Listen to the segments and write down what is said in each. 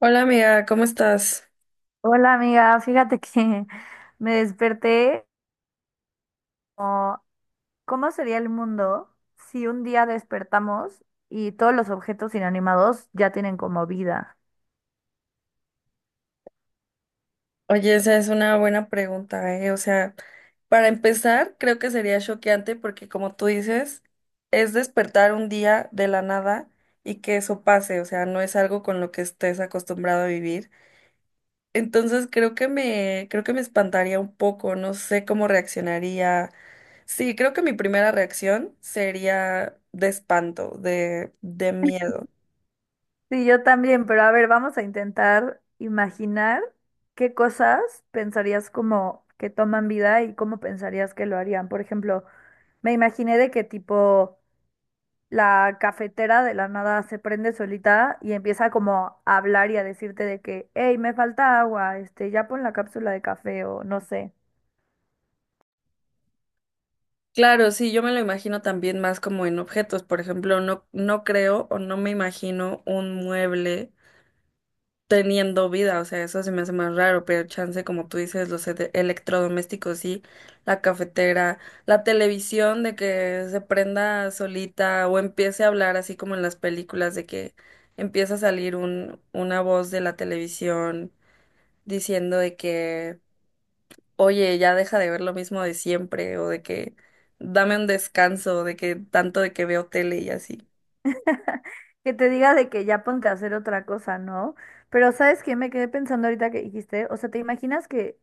Hola amiga, ¿cómo estás? Hola amiga, fíjate que me desperté como, ¿cómo sería el mundo si un día despertamos y todos los objetos inanimados ya tienen como vida? Oye, esa es una buena pregunta, ¿eh? O sea, para empezar, creo que sería choqueante porque como tú dices, es despertar un día de la nada y que eso pase, o sea, no es algo con lo que estés acostumbrado a vivir. Entonces, creo que me espantaría un poco, no sé cómo reaccionaría. Sí, creo que mi primera reacción sería de espanto, de miedo. Sí, yo también, pero a ver, vamos a intentar imaginar qué cosas pensarías como que toman vida y cómo pensarías que lo harían. Por ejemplo, me imaginé de qué tipo la cafetera de la nada se prende solita y empieza como a hablar y a decirte de que, hey, me falta agua, ya pon la cápsula de café o no sé. Claro, sí, yo me lo imagino también más como en objetos. Por ejemplo, no, no creo o no me imagino un mueble teniendo vida. O sea, eso se me hace más raro, pero chance, como tú dices, los electrodomésticos, sí, la cafetera, la televisión de que se prenda solita o empiece a hablar así como en las películas de que empieza a salir una voz de la televisión diciendo de que oye, ya deja de ver lo mismo de siempre, o de que dame un descanso, de que tanto de que veo tele y así. Que te diga de que ya ponte a hacer otra cosa, ¿no? Pero ¿sabes qué? Me quedé pensando ahorita que dijiste, o sea, ¿te imaginas que,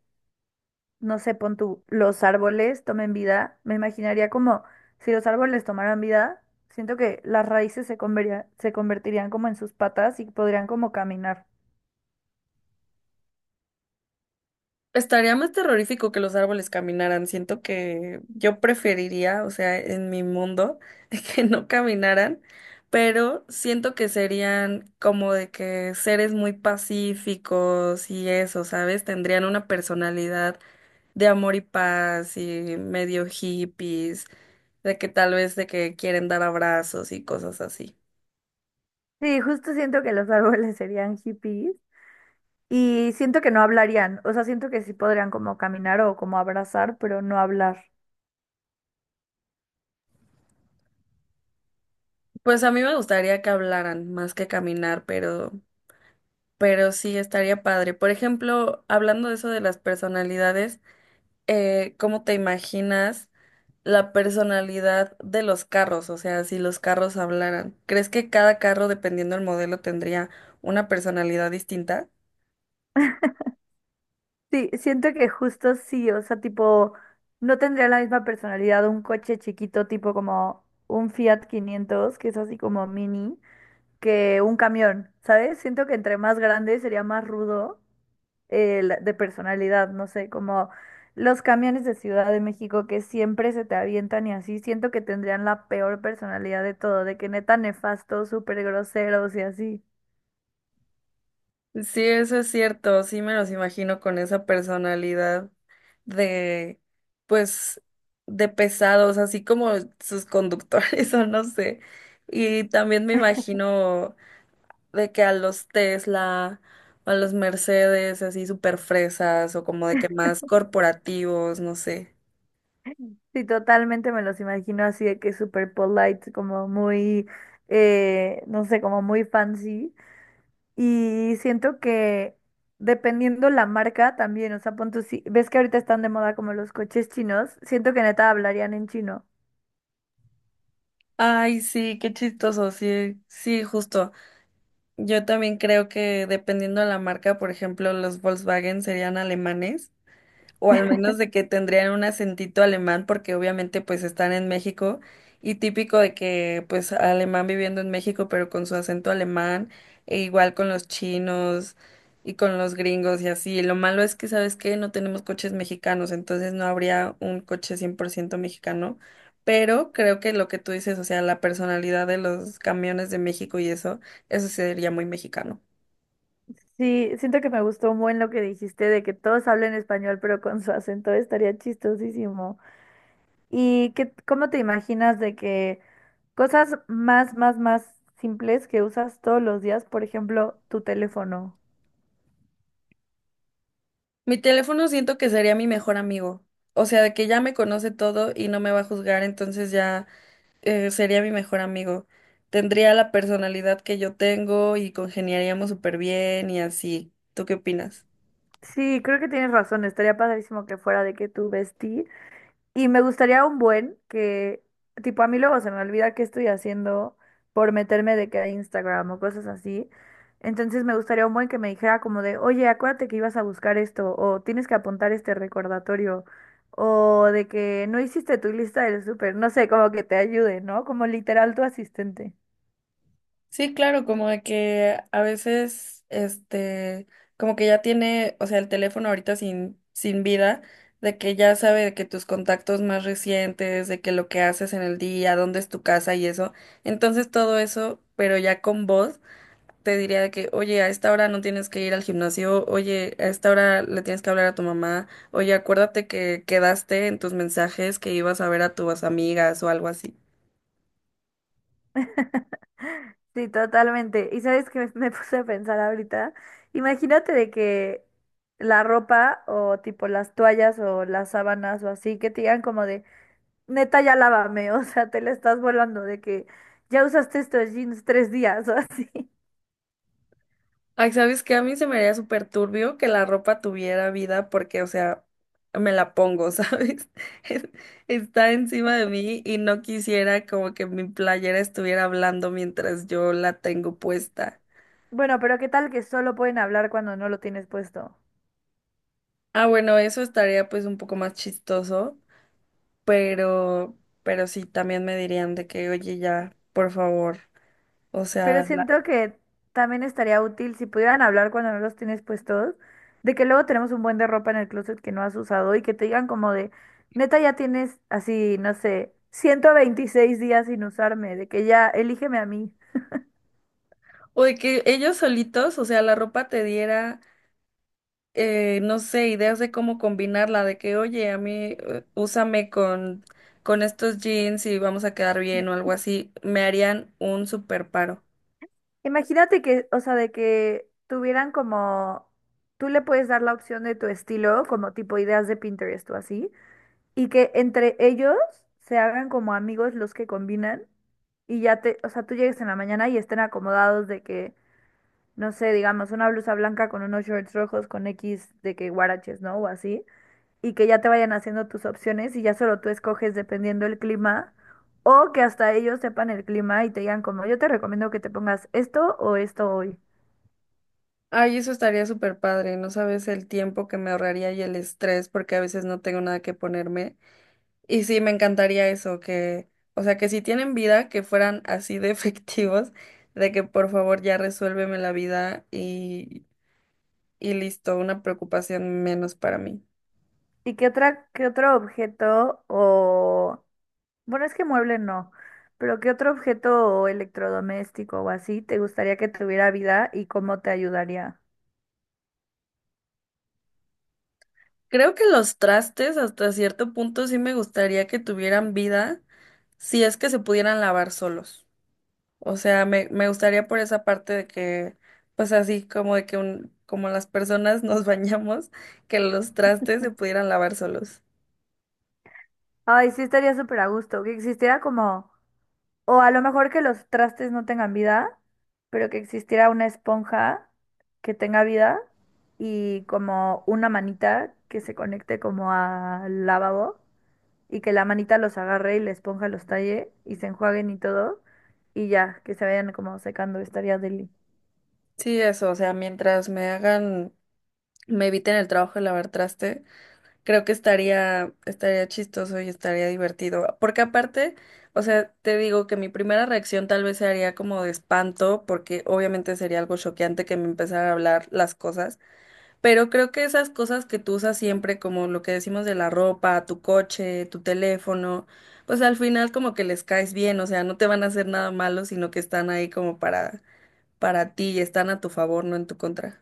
no sé, pon tú, los árboles tomen vida? Me imaginaría como si los árboles tomaran vida, siento que las raíces se convertirían como en sus patas y podrían como caminar. Estaría más terrorífico que los árboles caminaran. Siento que yo preferiría, o sea, en mi mundo, que no caminaran, pero siento que serían como de que seres muy pacíficos y eso, ¿sabes? Tendrían una personalidad de amor y paz y medio hippies, de que tal vez de que quieren dar abrazos y cosas así. Sí, justo siento que los árboles serían hippies. Y siento que no hablarían, o sea, siento que sí podrían como caminar o como abrazar, pero no hablar. Pues a mí me gustaría que hablaran más que caminar, pero sí estaría padre. Por ejemplo, hablando de eso de las personalidades, ¿cómo te imaginas la personalidad de los carros? O sea, si los carros hablaran, ¿crees que cada carro, dependiendo del modelo, tendría una personalidad distinta? Sí, siento que justo sí, o sea, tipo, no tendría la misma personalidad un coche chiquito, tipo como un Fiat 500 que es así como mini, que un camión, ¿sabes? Siento que entre más grande sería más rudo. De personalidad, no sé, como los camiones de Ciudad de México que siempre se te avientan y así, siento que tendrían la peor personalidad de todo, de que neta nefastos, súper groseros y así. Sí, eso es cierto, sí me los imagino con esa personalidad de, pues, de pesados, así como sus conductores, o no sé. Y también me imagino de que a los Tesla, a los Mercedes, así súper fresas, o como de que más corporativos, no sé. Sí, totalmente me los imagino así de que súper polite, como muy, no sé, como muy fancy. Y siento que dependiendo la marca también, o sea, pon tú, si ves que ahorita están de moda como los coches chinos, siento que neta hablarían en chino. Ay, sí, qué chistoso, sí, sí, justo. Yo también creo que dependiendo de la marca, por ejemplo, los Volkswagen serían alemanes, o al menos de que tendrían un acentito alemán porque obviamente pues están en México y típico de que pues alemán viviendo en México pero con su acento alemán e igual con los chinos y con los gringos y así. Lo malo es que, ¿sabes qué? No tenemos coches mexicanos, entonces no habría un coche 100% mexicano. Pero creo que lo que tú dices, o sea, la personalidad de los camiones de México y eso sí sería muy mexicano. Sí, siento que me gustó un buen lo que dijiste de que todos hablen español, pero con su acento estaría chistosísimo. ¿Cómo te imaginas de que cosas más, más, más simples que usas todos los días, por ejemplo, tu teléfono? Mi teléfono siento que sería mi mejor amigo. O sea, de que ya me conoce todo y no me va a juzgar, entonces ya sería mi mejor amigo. Tendría la personalidad que yo tengo y congeniaríamos súper bien y así. ¿Tú qué opinas? Sí, creo que tienes razón, estaría padrísimo que fuera de que tu vestí. Y me gustaría un buen que, tipo, a mí luego se me olvida qué estoy haciendo por meterme de que a Instagram o cosas así. Entonces me gustaría un buen que me dijera como de, oye, acuérdate que ibas a buscar esto, o tienes que apuntar este recordatorio, o de que no hiciste tu lista del súper, no sé, como que te ayude, ¿no? Como literal tu asistente. Sí, claro, como de que a veces, este, como que ya tiene, o sea, el teléfono ahorita sin vida, de que ya sabe de que tus contactos más recientes, de que lo que haces en el día, dónde es tu casa y eso. Entonces todo eso, pero ya con voz. Te diría de que, oye, a esta hora no tienes que ir al gimnasio, oye, a esta hora le tienes que hablar a tu mamá, oye, acuérdate que quedaste en tus mensajes que ibas a ver a tus amigas o algo así. Sí, totalmente. Y sabes que me puse a pensar ahorita, imagínate de que la ropa o tipo las toallas o las sábanas o así, que te digan como de, neta, ya lávame, o sea, te la estás volando de que ya usaste estos jeans 3 días o así. Ay, ¿sabes qué? A mí se me haría súper turbio que la ropa tuviera vida porque, o sea, me la pongo, ¿sabes? Es- Está encima de mí y no quisiera como que mi playera estuviera hablando mientras yo la tengo puesta. Bueno, pero ¿qué tal que solo pueden hablar cuando no lo tienes puesto? Ah, bueno, eso estaría pues un poco más chistoso, pero sí, también me dirían de que, oye, ya, por favor, o Pero sea, siento que también estaría útil si pudieran hablar cuando no los tienes puestos, de que luego tenemos un buen de ropa en el closet que no has usado y que te digan como de, neta ya tienes así, no sé, 126 días sin usarme, de que ya elígeme a mí. o de que ellos solitos, o sea, la ropa te diera, no sé, ideas de cómo combinarla, de que, oye, a mí, úsame con estos jeans y vamos a quedar bien o algo así, me harían un super paro. Imagínate que, o sea, de que tuvieran como, tú le puedes dar la opción de tu estilo, como tipo ideas de Pinterest o así, y que entre ellos se hagan como amigos los que combinan y ya te, o sea, tú llegues en la mañana y estén acomodados de que no sé, digamos, una blusa blanca con unos shorts rojos con X de que guaraches, ¿no? O así, y que ya te vayan haciendo tus opciones y ya solo tú escoges dependiendo el clima, o que hasta ellos sepan el clima y te digan como, yo te recomiendo que te pongas esto o esto hoy. Ay, eso estaría súper padre, no sabes el tiempo que me ahorraría y el estrés porque a veces no tengo nada que ponerme. Y sí, me encantaría eso, que, o sea, que si tienen vida, que fueran así de efectivos, de que por favor ya resuélveme la vida y listo, una preocupación menos para mí. ¿Qué otro objeto o, bueno, es que mueble no, pero qué otro objeto o electrodoméstico o así te gustaría que tuviera vida y cómo te ayudaría? Creo que los trastes hasta cierto punto sí me gustaría que tuvieran vida, si es que se pudieran lavar solos. O sea, me gustaría por esa parte de que, pues así como de que un, como las personas nos bañamos, que los trastes se pudieran lavar solos. Ay, sí estaría súper a gusto, que existiera como. O a lo mejor que los trastes no tengan vida, pero que existiera una esponja que tenga vida y como una manita que se conecte como al lavabo y que la manita los agarre y la esponja los talle y se enjuaguen y todo y ya, que se vayan como secando, estaría deli. Sí, eso, o sea, mientras me hagan me eviten el trabajo de lavar traste, creo que estaría chistoso y estaría divertido. Porque aparte, o sea, te digo que mi primera reacción tal vez sería como de espanto, porque obviamente sería algo choqueante que me empezara a hablar las cosas, pero creo que esas cosas que tú usas siempre, como lo que decimos de la ropa, tu coche, tu teléfono, pues al final como que les caes bien, o sea, no te van a hacer nada malo, sino que están ahí como para ti y están a tu favor, no en tu contra.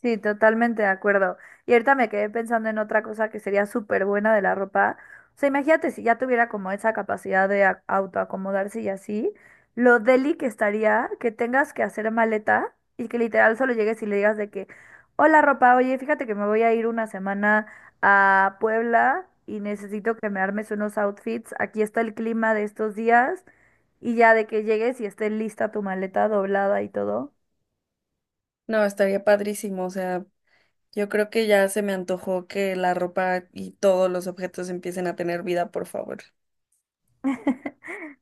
Sí, totalmente de acuerdo. Y ahorita me quedé pensando en otra cosa que sería súper buena de la ropa. O sea, imagínate si ya tuviera como esa capacidad de autoacomodarse y así, lo deli que estaría que tengas que hacer maleta y que literal solo llegues y le digas de que, hola ropa, oye, fíjate que me voy a ir una semana a Puebla y necesito que me armes unos outfits. Aquí está el clima de estos días y ya de que llegues y esté lista tu maleta doblada y todo. No, estaría padrísimo, o sea. Yo creo que ya se me antojó que la ropa y todos los objetos empiecen a tener vida, por favor.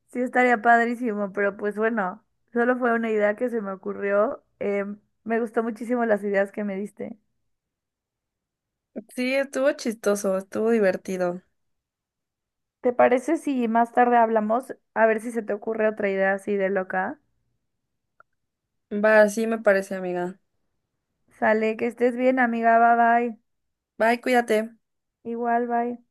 Sí, estaría padrísimo, pero pues bueno, solo fue una idea que se me ocurrió. Me gustó muchísimo las ideas que me diste. Sí, estuvo chistoso, estuvo divertido. ¿Te parece si más tarde hablamos? A ver si se te ocurre otra idea así de loca. Va, sí me parece, amiga. Sale, que estés bien, amiga. Bye bye. Bye, cuídate. Igual, bye.